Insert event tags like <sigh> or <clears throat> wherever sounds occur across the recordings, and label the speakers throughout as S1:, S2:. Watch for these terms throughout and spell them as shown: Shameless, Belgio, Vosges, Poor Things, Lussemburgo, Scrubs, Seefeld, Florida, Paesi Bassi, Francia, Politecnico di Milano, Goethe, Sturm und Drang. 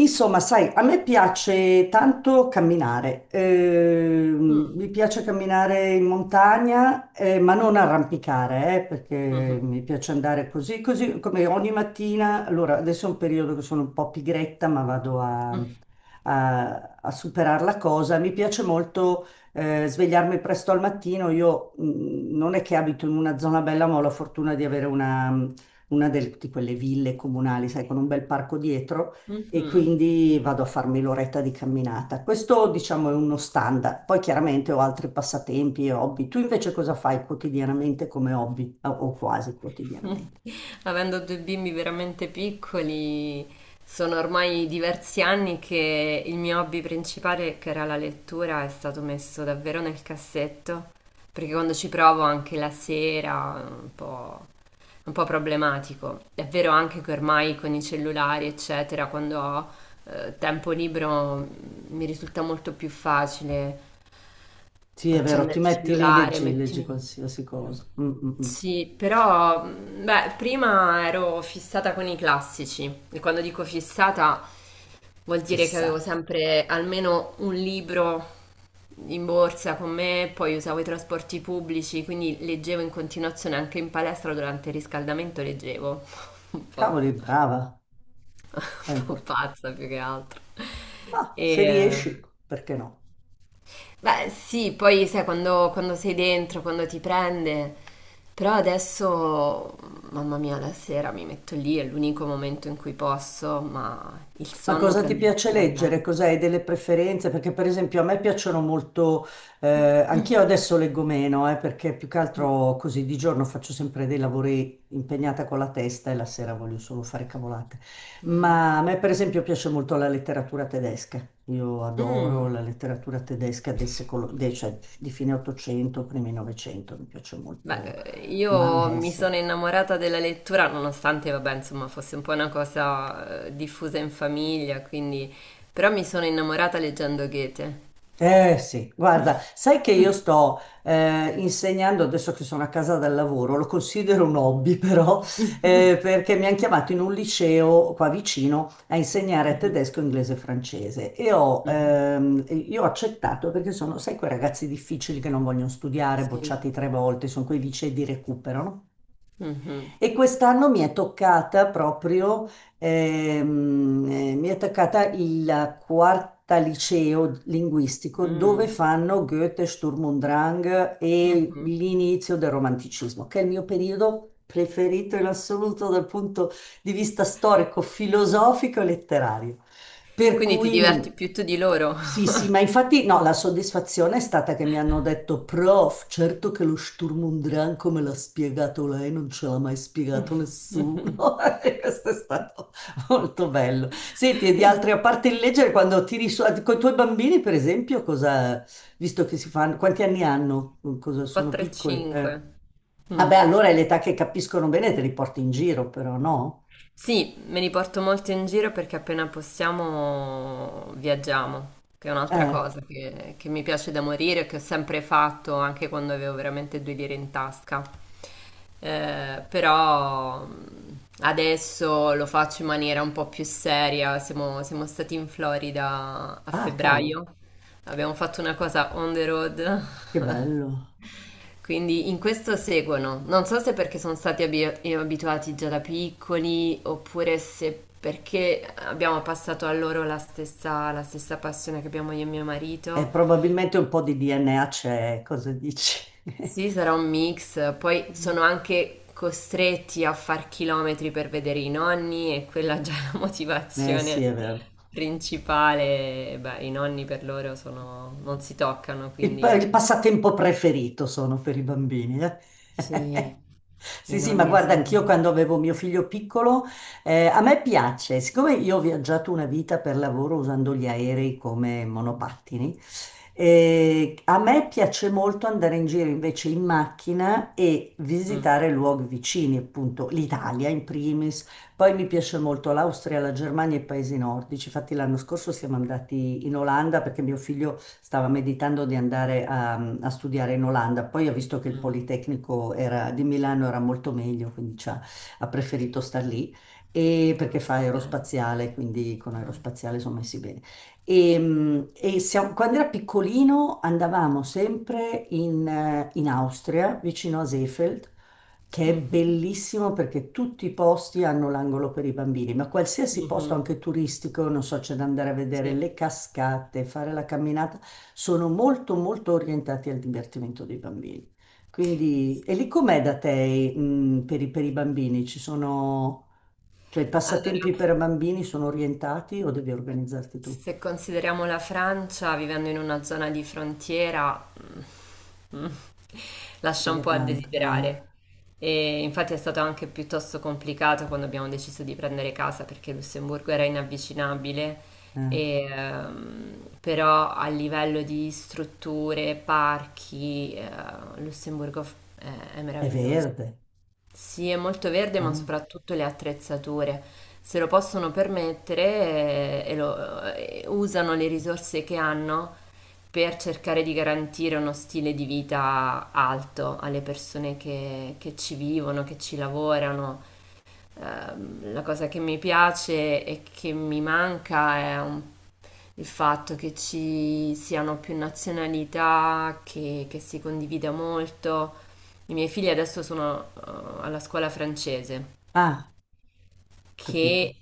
S1: Insomma, sai, a me piace tanto camminare,
S2: Mm,
S1: mi piace camminare in montagna, ma non arrampicare, perché
S2: mhm,
S1: mi piace andare così come ogni mattina. Allora, adesso è un periodo che sono un po' pigretta, ma vado a superare la cosa. Mi piace molto, svegliarmi presto al mattino. Io, non è che abito in una zona bella, ma ho la fortuna di avere una di quelle ville comunali, sai, con un bel parco dietro.
S2: mhm,
S1: E
S2: mhm.
S1: quindi vado a farmi l'oretta di camminata. Questo, diciamo, è uno standard. Poi chiaramente ho altri passatempi e hobby. Tu invece cosa fai quotidianamente come hobby o quasi quotidianamente?
S2: Avendo due bimbi veramente piccoli, sono ormai diversi anni che il mio hobby principale, che era la lettura, è stato messo davvero nel cassetto, perché quando ci provo anche la sera, è un po' problematico. È vero anche che ormai con i cellulari, eccetera, quando ho tempo libero mi risulta molto più facile
S1: Sì, è vero, ti
S2: accendere il
S1: metti lì,
S2: cellulare,
S1: leggi, leggi
S2: mettimi...
S1: qualsiasi cosa. Mm, mm, mm.
S2: Sì, però beh, prima ero fissata con i classici e quando dico fissata vuol dire che avevo
S1: Fissata.
S2: sempre almeno un libro in borsa con me, poi usavo i trasporti pubblici, quindi leggevo in continuazione anche in palestra durante il riscaldamento leggevo. <laughs> Un po',
S1: Cavoli, brava, è
S2: un po'
S1: importante.
S2: pazza più che altro.
S1: Ma
S2: E,
S1: se
S2: eh,
S1: riesci, perché no?
S2: Beh, sì, poi sai quando sei dentro, quando ti prende. Però adesso, mamma mia, la sera mi metto lì, è l'unico momento in cui posso, ma il
S1: Ma
S2: sonno
S1: cosa ti
S2: prende il
S1: piace leggere?
S2: sopravvento.
S1: Cos'hai delle preferenze? Perché per esempio a me piacciono molto, eh,
S2: <clears throat>
S1: anch'io adesso leggo meno, perché più che altro così di giorno faccio sempre dei lavori impegnata con la testa e la sera voglio solo fare cavolate.
S2: Eh.
S1: Ma a me per esempio piace molto la letteratura tedesca. Io adoro
S2: Mm.
S1: la letteratura tedesca del secolo, cioè di fine 800, primi 900, mi piace
S2: Beh,
S1: molto Mann,
S2: io mi
S1: Hesse.
S2: sono innamorata della lettura, nonostante, vabbè, insomma, fosse un po' una cosa diffusa in famiglia, quindi... Però mi sono innamorata leggendo Goethe.
S1: Eh sì, guarda, sai che io sto insegnando adesso che sono a casa dal lavoro, lo considero un hobby <laughs> però, perché mi hanno chiamato in un liceo qua vicino a insegnare tedesco, inglese e francese e
S2: <laughs>
S1: io ho accettato perché sono, sai, quei ragazzi difficili che non vogliono studiare,
S2: Sì.
S1: bocciati tre volte, sono quei licei di recupero, no?
S2: Mh-mh.
S1: E quest'anno mi è toccata proprio, ehm, mi è toccata il quarta liceo linguistico
S2: Mh.
S1: dove fanno Goethe, Sturm und Drang e
S2: Mh-mh.
S1: l'inizio del romanticismo, che è il mio periodo preferito in assoluto dal punto di vista storico, filosofico e letterario. Per
S2: Quindi ti
S1: cui
S2: diverti più tu di loro.
S1: sì, sì, ma infatti no, la soddisfazione è stata che mi hanno detto, prof, certo che lo Sturm und Drang come l'ha spiegato lei, non ce l'ha mai spiegato
S2: <laughs> Mh-mh.
S1: nessuno. <laughs> E questo è stato molto bello. Senti, e di altri, a parte il leggere, quando tiri su, con i tuoi bambini, per esempio, cosa, visto che si fanno, quanti anni hanno? Sono
S2: 4 e
S1: piccoli?
S2: 5. Mh.
S1: Vabbè, allora è l'età che capiscono bene, te li porti in giro, però no?
S2: Sì, me li porto molto in giro perché appena possiamo viaggiamo, che è un'altra
S1: Eh.
S2: cosa che mi piace da morire, che ho sempre fatto anche quando avevo veramente due lire in tasca. Però adesso lo faccio in maniera un po' più seria. Siamo stati in Florida a
S1: Ah, cavolo,
S2: febbraio, abbiamo fatto una cosa on the road.
S1: che
S2: <laughs>
S1: bello.
S2: Quindi in questo seguono. Non so se perché sono stati abituati già da piccoli oppure se perché abbiamo passato a loro la stessa passione che abbiamo io e mio
S1: E
S2: marito.
S1: probabilmente un po' di DNA c'è, cosa dici? <laughs>
S2: Sì, sarà un mix. Poi
S1: Mm.
S2: sono anche costretti a far chilometri per vedere i nonni e quella è la
S1: Eh sì, è
S2: motivazione
S1: vero.
S2: principale. Beh, i nonni per loro sono... non si toccano,
S1: Il, pa-
S2: quindi
S1: il passatempo preferito sono per i bambini. Eh. <laughs>
S2: sì, i
S1: Sì, sì, ma
S2: nonni
S1: guarda,
S2: sono...
S1: anch'io quando avevo mio figlio piccolo, a me piace, siccome io ho viaggiato una vita per lavoro usando gli aerei come
S2: Mm,
S1: monopattini, a me piace molto andare in giro invece in macchina e
S2: mm,
S1: visitare luoghi vicini, appunto l'Italia in primis. Poi mi piace molto l'Austria, la Germania e i paesi nordici. Infatti l'anno scorso siamo andati in Olanda perché mio figlio stava meditando di andare a studiare in Olanda. Poi ha visto che il
S2: mm.
S1: Politecnico di Milano era molto meglio, quindi ci ha ha preferito star lì e perché
S2: Ma
S1: fa
S2: bello.
S1: aerospaziale, quindi con
S2: Dai.
S1: aerospaziale sono messi bene. E quando era piccolino andavamo sempre in Austria, vicino a Seefeld, che è
S2: Mh-mh.
S1: bellissimo perché tutti i posti hanno l'angolo per i bambini, ma qualsiasi posto,
S2: Mh-mh.
S1: anche turistico, non so, c'è da andare a vedere
S2: Sì.
S1: le cascate, fare la camminata, sono molto, molto orientati al divertimento dei bambini. Quindi, e lì com'è da te, per i bambini? Ci sono, cioè, i
S2: Allora,
S1: passatempi per bambini sono orientati o devi organizzarti tu?
S2: se consideriamo la Francia, vivendo in una zona di frontiera, mm, mm, lascia un
S1: Mica
S2: po' a
S1: tanto. Ah,
S2: desiderare. E infatti è stato anche piuttosto complicato quando abbiamo deciso di prendere casa perché Lussemburgo era inavvicinabile.
S1: eh.
S2: E, però a livello di strutture, parchi, Lussemburgo è
S1: È
S2: meraviglioso.
S1: verde.
S2: Sì, è molto verde, ma
S1: Ah,
S2: soprattutto le attrezzature. Se lo possono permettere, usano le risorse che hanno per cercare di garantire uno stile di vita alto alle persone che ci vivono, che ci lavorano. La cosa che mi piace e che mi manca il fatto che ci siano più nazionalità, che si condivida molto. I miei figli adesso sono alla scuola francese,
S1: ah, capito.
S2: che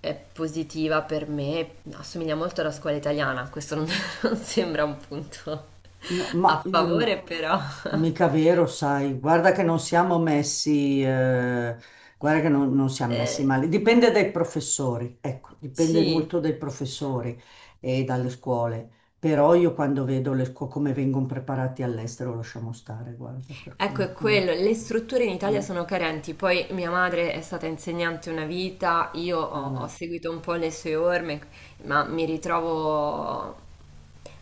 S2: è positiva per me, assomiglia molto alla scuola italiana, questo non, <laughs> non sembra un punto
S1: No, ma
S2: a favore, però
S1: mica vero, sai, guarda che non siamo messi, guarda che non siamo messi
S2: eh,
S1: male, dipende dai professori, ecco, dipende
S2: sì.
S1: molto dai professori e dalle scuole, però io quando vedo le scuole come vengono preparati all'estero lasciamo stare, guarda, per
S2: Ecco, è
S1: cui... ah,
S2: quello, le strutture in Italia
S1: ah,
S2: sono carenti, poi mia madre è stata insegnante una vita, io
S1: ah,
S2: ho
S1: vabbè,
S2: seguito un po' le sue orme, ma mi ritrovo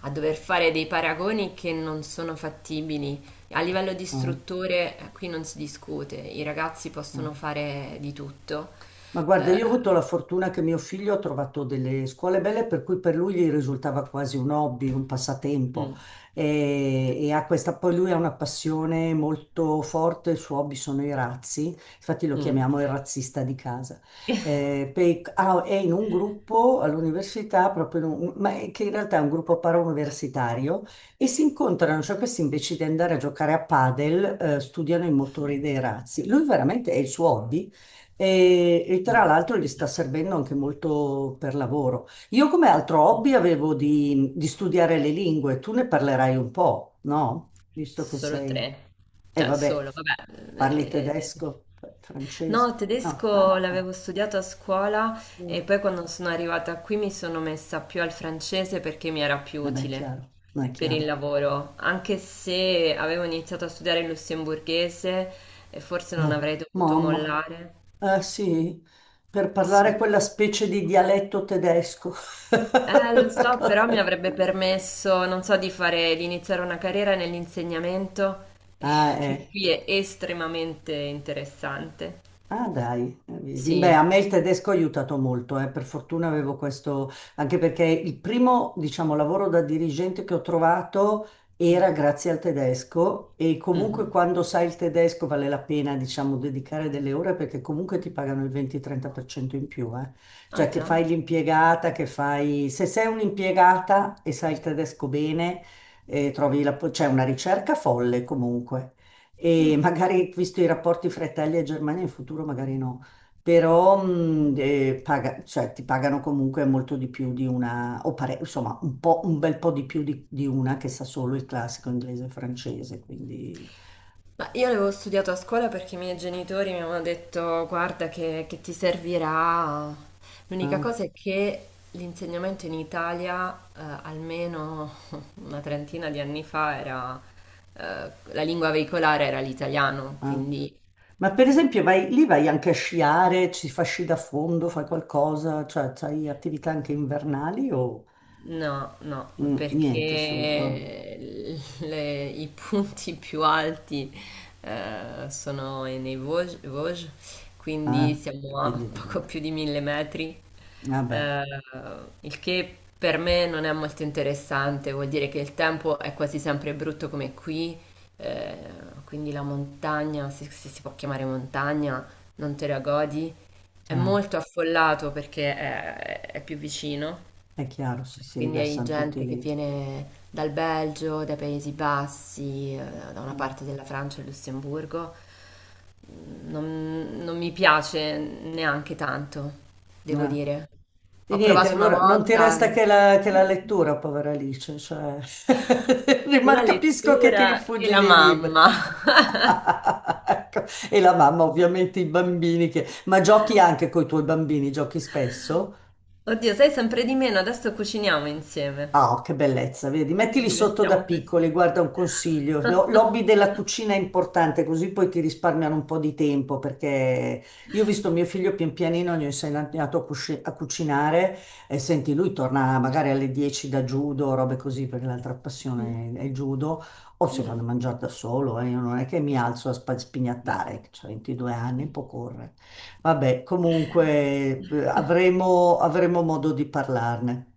S2: a dover fare dei paragoni che non sono fattibili. A livello di
S1: ah,
S2: strutture qui non si discute, i ragazzi possono
S1: ah.
S2: fare di tutto.
S1: Ma guarda,
S2: Eh,
S1: io ho avuto la fortuna che mio figlio ha trovato delle scuole belle per cui per lui gli risultava quasi un hobby, un passatempo
S2: mm,
S1: e ha questa, poi lui ha una passione molto forte, il suo hobby sono i razzi, infatti lo
S2: mm,
S1: chiamiamo il razzista di casa. Ah, è in un gruppo all'università, ma è che in realtà è un gruppo parauniversitario e si incontrano, cioè questi invece di andare a giocare a padel, studiano i motori dei razzi. Lui veramente è il suo hobby e tra
S2: mm.
S1: l'altro gli sta servendo anche molto per lavoro. Io come altro hobby avevo di studiare le lingue, tu ne parlerai un po', no? Visto che
S2: Solo
S1: sei...
S2: tre?
S1: E
S2: Cioè,
S1: vabbè,
S2: solo, vabbè.
S1: parli
S2: eh, eh.
S1: tedesco, francese.
S2: No,
S1: No,
S2: tedesco
S1: ah, no.
S2: l'avevo studiato a scuola
S1: Mm.
S2: e poi quando sono arrivata qui mi sono messa più al francese perché mi era più
S1: Eh beh, è
S2: utile
S1: chiaro, non è
S2: per il
S1: chiaro.
S2: lavoro, anche se avevo iniziato a studiare il lussemburghese e forse non
S1: No,
S2: avrei dovuto
S1: mamma.
S2: mollare.
S1: Eh sì, per parlare
S2: Sì.
S1: quella specie di dialetto tedesco. <laughs>
S2: Lo
S1: La
S2: so,
S1: cosa-
S2: però mi avrebbe permesso, non so, di fare, di iniziare una carriera nell'insegnamento, eh,
S1: Ah,
S2: che
S1: eh.
S2: qui è estremamente interessante.
S1: Ah dai, vedi. Beh,
S2: Sì.
S1: a me il tedesco ha aiutato molto, eh. Per fortuna avevo questo, anche perché il primo, diciamo, lavoro da dirigente che ho trovato era
S2: Mm.
S1: grazie al tedesco e comunque
S2: Mhm.
S1: quando sai il tedesco vale la pena, diciamo, dedicare delle ore perché comunque ti pagano il 20-30% in più, eh.
S2: Ah
S1: Cioè che
S2: già?
S1: fai l'impiegata, che fai... Se sei un'impiegata e sai il tedesco bene, trovi la... c'è una ricerca folle comunque e
S2: Mm.
S1: magari visto i rapporti fra Italia e Germania in futuro magari no, però
S2: Mm.
S1: cioè, ti pagano comunque molto di più di una, insomma un po', un bel po' di più di una che sa solo il classico inglese e francese, quindi...
S2: Ma io l'avevo studiato a scuola perché i miei genitori mi avevano detto, guarda che ti servirà. L'unica
S1: no,
S2: cosa è che l'insegnamento in Italia, almeno <laughs> una trentina di anni fa, era la lingua veicolare era l'italiano,
S1: no.
S2: quindi
S1: Ma per esempio vai, lì vai anche a sciare, ci fa sci da fondo, fai qualcosa, cioè hai attività anche invernali o
S2: no, no,
S1: niente solo... ah,
S2: perché i punti <laughs> più alti sono nei Vosges, quindi
S1: ah, e
S2: siamo a <laughs>
S1: quindi deve
S2: poco
S1: andare.
S2: più di mille metri,
S1: Vabbè.
S2: eh, il che per me non è molto interessante, vuol dire che il tempo è quasi sempre brutto come qui, eh, quindi la montagna, se si può chiamare montagna, non te la godi, è
S1: Ah.
S2: molto affollato perché è più vicino.
S1: È chiaro, sì, si
S2: Quindi hai
S1: riversano tutti
S2: gente che
S1: lì.
S2: viene dal Belgio, dai Paesi Bassi, da una
S1: Mm.
S2: parte della Francia e Lussemburgo. Non mi piace neanche tanto, devo
S1: Eh.
S2: dire.
S1: E
S2: Ho
S1: niente,
S2: provato una
S1: allora non ti
S2: volta
S1: resta che la lettura, povera Alice, cioè... <laughs>
S2: la
S1: ma capisco che ti
S2: lettura e
S1: rifugi
S2: la
S1: nei libri.
S2: mamma.
S1: <laughs> Ecco. E la mamma, ovviamente, i bambini che... Ma giochi anche con i tuoi bambini, giochi
S2: <laughs>
S1: spesso?
S2: Oddio, sai sempre di meno, adesso cuciniamo insieme.
S1: Ah, oh, che bellezza, vedi?
S2: Ci
S1: Mettili sotto da
S2: divertiamo
S1: piccoli,
S2: così.
S1: guarda un consiglio. L'hobby
S2: <laughs>
S1: della cucina è importante, così poi ti risparmiano un po' di tempo, perché io ho visto mio figlio pian pianino, gli ho insegnato a cucinare e senti, lui torna magari alle 10 da judo, robe così, perché l'altra passione è il judo, o si fanno
S2: Mm.
S1: mangiare da solo. Io non è che mi alzo a
S2: Beh.
S1: spignattare, ho 22 anni, può correre. Vabbè, comunque
S2: <laughs>
S1: avremo modo di parlarne.